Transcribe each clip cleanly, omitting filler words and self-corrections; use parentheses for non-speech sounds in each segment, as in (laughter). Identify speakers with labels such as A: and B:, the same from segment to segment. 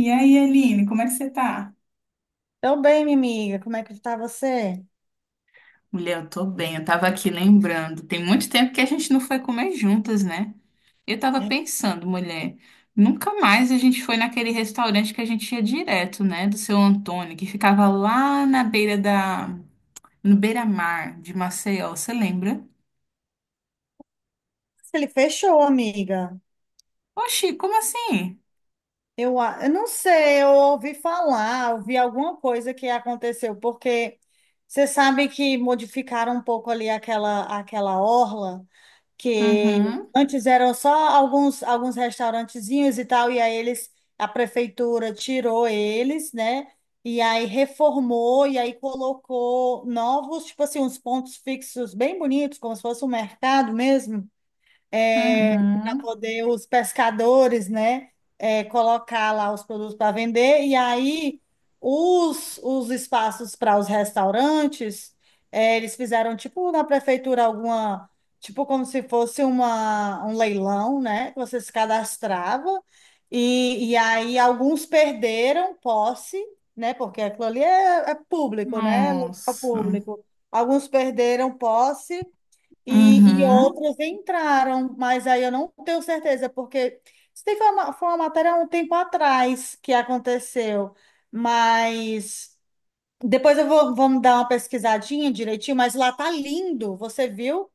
A: E aí, Aline, como é que você tá?
B: Tô bem, minha amiga. Como é que tá você?
A: Mulher, eu tô bem. Eu tava aqui lembrando. Tem muito tempo que a gente não foi comer juntas, né? Eu tava
B: É,
A: pensando, mulher, nunca mais a gente foi naquele restaurante que a gente ia direto, né? Do seu Antônio, que ficava lá na beira da. No beira-mar de Maceió, você lembra?
B: ele fechou, amiga.
A: Oxi, como assim?
B: Eu não sei, eu ouvi falar, ouvi alguma coisa que aconteceu, porque você sabe que modificaram um pouco ali aquela, orla, que
A: Uhum,
B: antes eram só alguns restaurantezinhos e tal, e aí eles, a prefeitura tirou eles, né? E aí reformou, e aí colocou novos, tipo assim, uns pontos fixos bem bonitos, como se fosse um mercado mesmo, para
A: uhum.
B: poder os pescadores, né, colocar lá os produtos para vender. E aí os, espaços para os restaurantes, eles fizeram tipo na prefeitura alguma, tipo como se fosse um leilão, né, que você se cadastrava. E aí alguns perderam posse, né, porque aquilo ali é, é, público, né, é local
A: Nossa.
B: público. Alguns perderam posse e, e
A: Uhum.
B: outras entraram, mas aí eu não tenho certeza, porque isso daí foi uma matéria há um tempo atrás que aconteceu, mas depois eu vou, vamos dar uma pesquisadinha direitinho, mas lá tá lindo, você viu?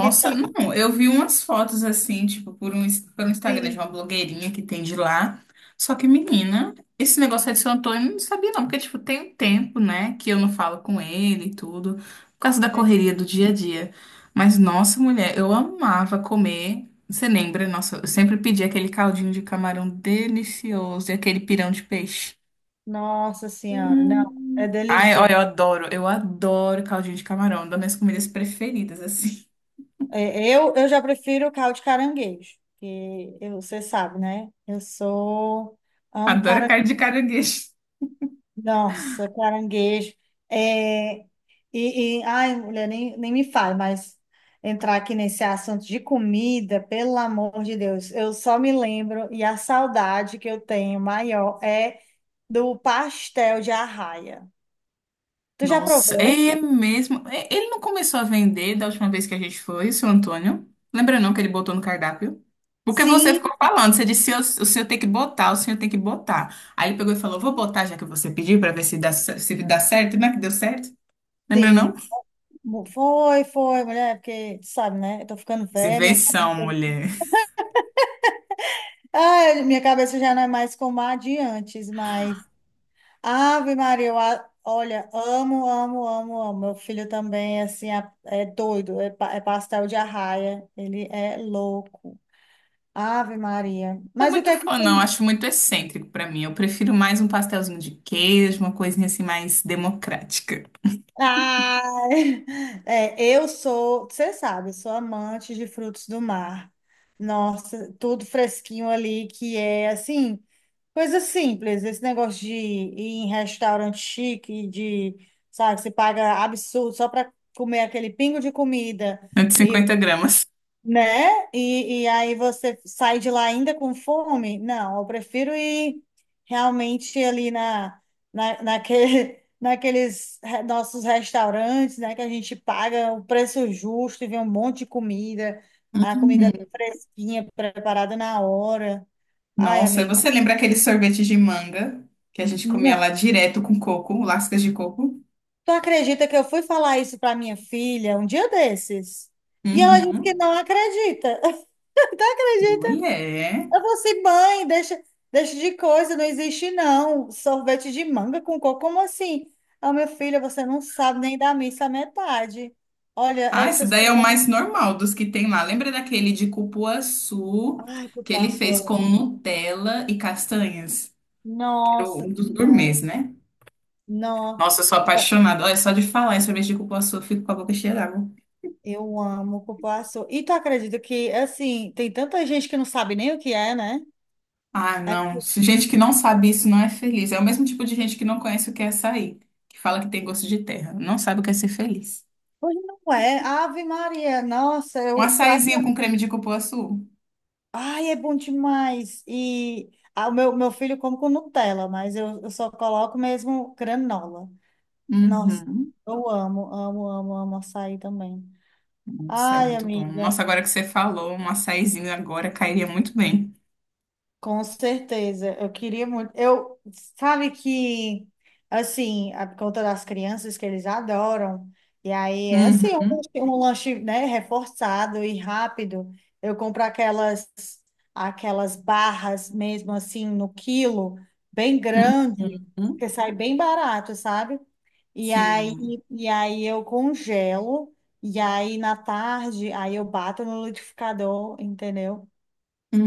B: Que tá
A: não, eu vi umas fotos assim, tipo, pelo Instagram de
B: assim.
A: uma blogueirinha que tem de lá. Só que, menina, esse negócio aí de São Antônio eu não sabia não, porque, tipo, tem um tempo, né, que eu não falo com ele e tudo, por causa da
B: É,
A: correria do dia a dia. Mas, nossa, mulher, eu amava comer. Você lembra? Nossa, eu sempre pedi aquele caldinho de camarão delicioso e aquele pirão de peixe.
B: Nossa Senhora, não, é
A: Ai, olha,
B: delícia.
A: eu adoro caldinho de camarão, é uma das minhas comidas preferidas, assim.
B: É, eu já prefiro o caldo de caranguejo, você sabe, né? Eu sou,
A: (laughs)
B: amo
A: Adoro carne
B: caranguejo.
A: de caranguejo.
B: Nossa, caranguejo. É, ai, mulher, nem me fale, mas entrar aqui nesse assunto de comida, pelo amor de Deus, eu só me lembro, e a saudade que eu tenho maior é do pastel de arraia. Tu já
A: Nossa,
B: provou?
A: é mesmo. É, ele não começou a vender da última vez que a gente foi, o seu Antônio? Lembra não que ele botou no cardápio? Porque você
B: Sim,
A: ficou falando, você disse, "Eu- o senhor tem que botar, o senhor tem que botar." Aí ele pegou e falou, vou botar já que você pediu pra ver se dá, se dá certo, né? Que deu certo. Lembra não?
B: sim. Foi, mulher, porque, tu sabe, né? Eu tô ficando
A: Isso é
B: velha,
A: invenção, mulher.
B: ah, minha cabeça já não é mais como a de antes, mas. Ave Maria, olha, amo, amo, amo, amo. Meu filho também, assim, é doido, é pastel de arraia. Ele é louco. Ave Maria.
A: Não sou
B: Mas o que
A: muito
B: é que
A: fã, não.
B: tem?
A: Acho muito excêntrico pra mim. Eu prefiro mais um pastelzinho de queijo, uma coisinha assim mais democrática.
B: Ah, (laughs) eu sou, você sabe, eu sou amante de frutos do mar. Nossa, tudo fresquinho ali, que é assim, coisa simples. Esse negócio de ir em restaurante chique, sabe, você paga absurdo só para comer aquele pingo de comida.
A: 150 gramas.
B: Né? E aí você sai de lá ainda com fome? Não, eu prefiro ir realmente ali, (laughs) nossos restaurantes, né? Que a gente paga o preço justo e vê um monte de comida, a comida
A: Uhum.
B: ali fresquinha, preparada na hora. Ai,
A: Nossa,
B: amiga,
A: você lembra aquele sorvete de manga que a gente comia lá
B: não.
A: direto com coco, lascas de coco?
B: Tu acredita que eu fui falar isso para minha filha um dia desses? E ela disse que
A: Uhum.
B: não acredita. (laughs) Tu acredita?
A: Mulher.
B: Eu vou assim, mãe, deixa, de coisa, não existe não. Sorvete de manga com coco, como assim? Ah, meu filho, você não sabe nem da missa à metade. Olha,
A: Ah, esse
B: essas
A: daí é o
B: coisas.
A: mais normal dos que tem lá. Lembra daquele de cupuaçu
B: Ai,
A: que ele
B: cupuaçu,
A: fez
B: eu
A: com
B: amo.
A: Nutella e castanhas? Que era
B: Nossa
A: um dos gourmets,
B: Senhora.
A: né? Nossa,
B: Nossa,
A: eu sou apaixonada. Olha, só de falar em sorvete de cupuaçu, eu fico com a boca cheia d'água.
B: eu amo cupuaçu. E tu acredita que, assim, tem tanta gente que não sabe nem o que é, né?
A: Ah,
B: Aí,
A: não. Se gente que não sabe isso não é feliz. É o mesmo tipo de gente que não conhece o que é açaí, que fala que tem gosto de terra. Não sabe o que é ser feliz.
B: pois não é. Ave Maria, nossa,
A: Um
B: eu prato.
A: açaizinho com creme de cupuaçu.
B: Ai, é bom demais. E ah, o meu filho come com Nutella, mas eu só coloco mesmo granola. Nossa,
A: Uhum.
B: eu amo, amo, amo, amo açaí também.
A: Nossa, é
B: Ai,
A: muito bom.
B: amiga.
A: Nossa, agora que você falou, um açaizinho agora cairia muito bem.
B: Com certeza, eu queria muito. Eu, sabe que, assim, por conta das crianças que eles adoram, e aí é assim,
A: Uhum.
B: um lanche, né, reforçado e rápido. Eu compro aquelas barras mesmo assim no quilo, bem grande,
A: Uhum.
B: porque sai bem barato, sabe? E aí,
A: Sim.
B: e aí eu congelo, e aí na tarde, aí eu bato no liquidificador, entendeu?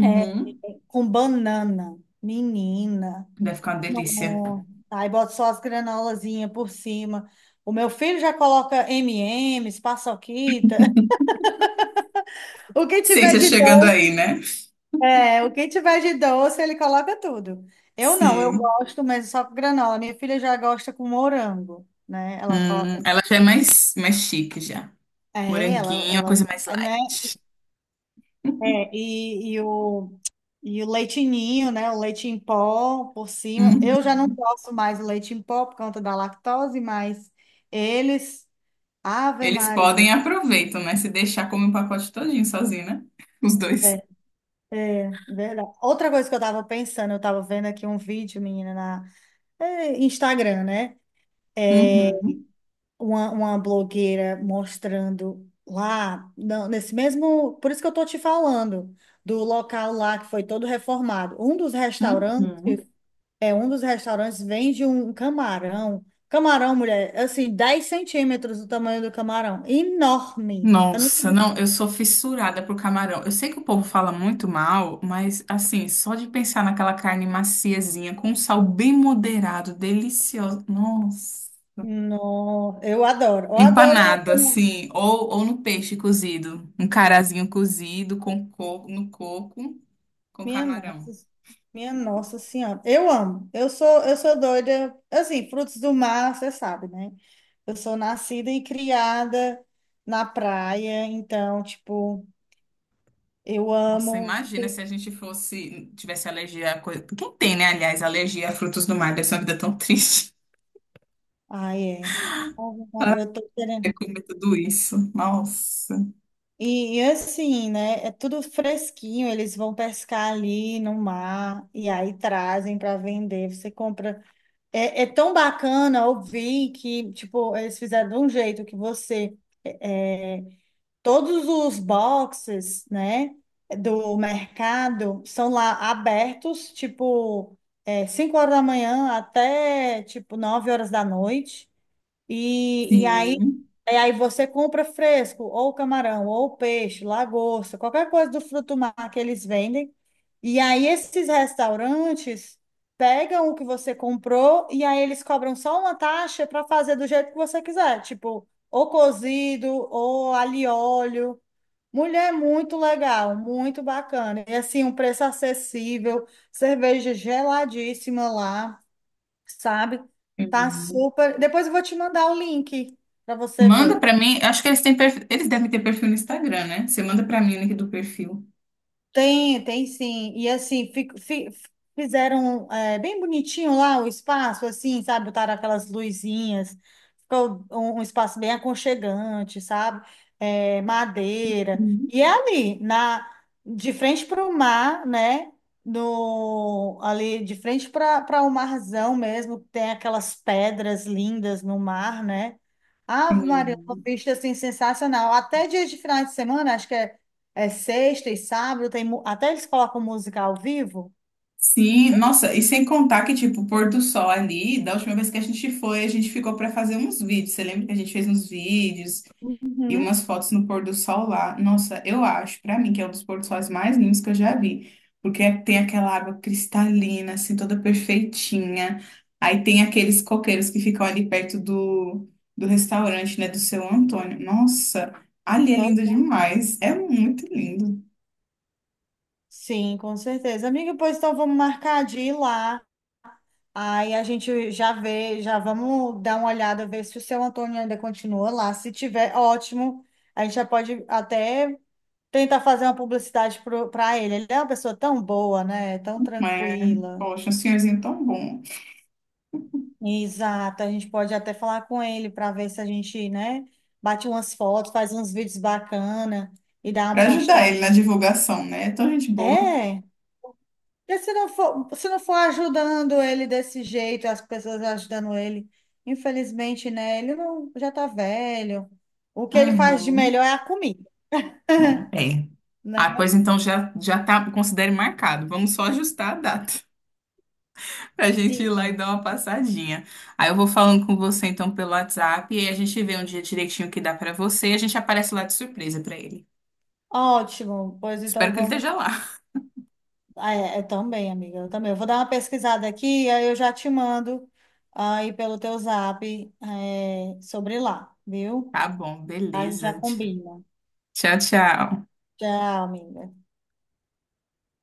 B: É, com banana. Menina.
A: Deve ficar uma delícia.
B: Nossa. Aí bota só as granolazinhas por cima. O meu filho já coloca M&M's, paçoquita. (laughs) O que tiver
A: Ciência
B: de
A: chegando
B: doce,
A: aí, né?
B: o que tiver de doce, ele coloca tudo. Eu não, eu
A: Sim.
B: gosto, mas só com granola. Minha filha já gosta com morango, né? Ela coloca.
A: Ela já é mais chique já.
B: É, ela,
A: Moranguinho, uma coisa
B: ela,
A: mais
B: né?
A: light.
B: É,
A: (laughs)
B: e o leite ninho, né? O leite em pó por cima. Eu
A: Uhum.
B: já não posso mais o leite em pó por conta da lactose, mas eles. Ave
A: Eles podem e
B: Maria.
A: aproveitam, né? Se deixar, come o pacote todinho sozinho, né? Os dois.
B: Ver- Verdade. Outra coisa que eu estava pensando, eu estava vendo aqui um vídeo, menina, Instagram, né?
A: Uhum.
B: Uma blogueira mostrando lá, não, nesse mesmo. Por isso que eu tô te falando, do local lá que foi todo reformado. Um dos restaurantes.
A: Uhum.
B: É, um dos restaurantes vende um camarão. Camarão, mulher, assim, 10 centímetros do tamanho do camarão. Enorme.
A: Nossa,
B: Não,
A: não, eu sou fissurada por camarão. Eu sei que o povo fala muito mal, mas assim, só de pensar naquela carne maciezinha, com um sal bem moderado, deliciosa. Nossa.
B: não, eu adoro. Eu adoro.
A: Empanado, assim, ou no peixe cozido. Um carazinho cozido com coco, no coco, com
B: Minha
A: camarão.
B: nossa, minha nossa senhora. Eu amo. Eu sou doida. Assim, frutos do mar, você sabe, né? Eu sou nascida e criada na praia. Então, tipo, eu
A: Nossa,
B: amo.
A: imagina se a gente fosse, tivesse alergia a coisa. Quem tem, né, aliás, alergia a frutos do mar? Deve ser uma vida tão triste.
B: Ai, é.
A: (laughs)
B: Eu tô querendo.
A: Ai, comer tudo isso. Nossa.
B: E assim, né? É tudo fresquinho, eles vão pescar ali no mar e aí trazem para vender. Você compra. É, é tão bacana ouvir que, tipo, eles fizeram de um jeito que você. é, Todos os boxes, né, do mercado são lá abertos, tipo, 5 horas da manhã até, tipo, 9 horas da noite. E, e aí,
A: Sim.
B: e aí você compra fresco, ou camarão, ou peixe, lagosta, qualquer coisa do fruto do mar que eles vendem. E aí esses restaurantes pegam o que você comprou e aí eles cobram só uma taxa para fazer do jeito que você quiser, tipo, ou cozido, ou alho e óleo. Mulher, é muito legal, muito bacana. E assim, um preço acessível, cerveja geladíssima lá, sabe? Tá
A: Hum.
B: super. Depois eu vou te mandar o link para você
A: Manda
B: ver.
A: pra mim. Acho que eles têm perfil, eles devem ter perfil no Instagram, né? Você manda pra mim o link do perfil.
B: Tem sim. E assim, fizeram bem bonitinho lá o espaço, assim, sabe? Botaram aquelas luzinhas, ficou um, espaço bem aconchegante, sabe? É, madeira.
A: Uhum.
B: E é ali, de frente para o mar, né? No, ali de frente para o marzão mesmo, tem aquelas pedras lindas no mar, né? Ave Maria, uma
A: Sim.
B: vista assim, sensacional. Até dia de final de semana, acho que é. É sexta e sábado, tem, até eles colocam música ao vivo.
A: Sim, nossa, e sem contar que, tipo, o pôr do sol ali, da última vez que a gente foi, a gente ficou pra fazer uns vídeos. Você lembra que a gente fez uns vídeos? E
B: Uhum.
A: umas fotos no pôr do sol lá. Nossa, eu acho, pra mim, que é um dos pôr do sóis mais lindos que eu já vi. Porque é, tem aquela água cristalina, assim, toda perfeitinha. Aí tem aqueles coqueiros que ficam ali perto do, restaurante, né, do seu Antônio. Nossa, ali é
B: Não?
A: lindo demais. É muito lindo.
B: Sim, com certeza. Amiga, pois então vamos marcar de ir lá. Aí a gente já vê, já vamos dar uma olhada, ver se o seu Antônio ainda continua lá. Se tiver, ótimo. A gente já pode até tentar fazer uma publicidade para ele. Ele é uma pessoa tão boa, né? Tão
A: Mas,
B: tranquila.
A: poxa, um senhorzinho tão bom.
B: Exato. A gente pode até falar com ele para ver se a gente, né, bate umas fotos, faz uns vídeos bacana e dá uma
A: Pra ajudar ele
B: postada.
A: na divulgação, né? É tão gente boa.
B: É, porque se não for ajudando ele desse jeito, as pessoas ajudando ele, infelizmente, né? Ele não, já tá velho. O que ele faz de
A: Uhum.
B: melhor é a comida,
A: Não, é. Ah,
B: né?
A: pois então já tá, considere marcado. Vamos só ajustar a data. Pra gente ir lá e
B: Sim.
A: dar uma passadinha. Aí eu vou falando com você então pelo WhatsApp e a gente vê um dia direitinho que dá pra você e a gente aparece lá de surpresa pra ele.
B: Ótimo. Pois
A: Espero
B: então
A: que ele
B: vamos.
A: esteja lá.
B: Ah, é, eu também, amiga. Eu também. Eu vou dar uma pesquisada aqui, aí eu já te mando aí pelo teu zap, sobre lá, viu?
A: Tá bom,
B: A gente já
A: beleza.
B: combina.
A: Tchau, tchau.
B: Tchau, amiga.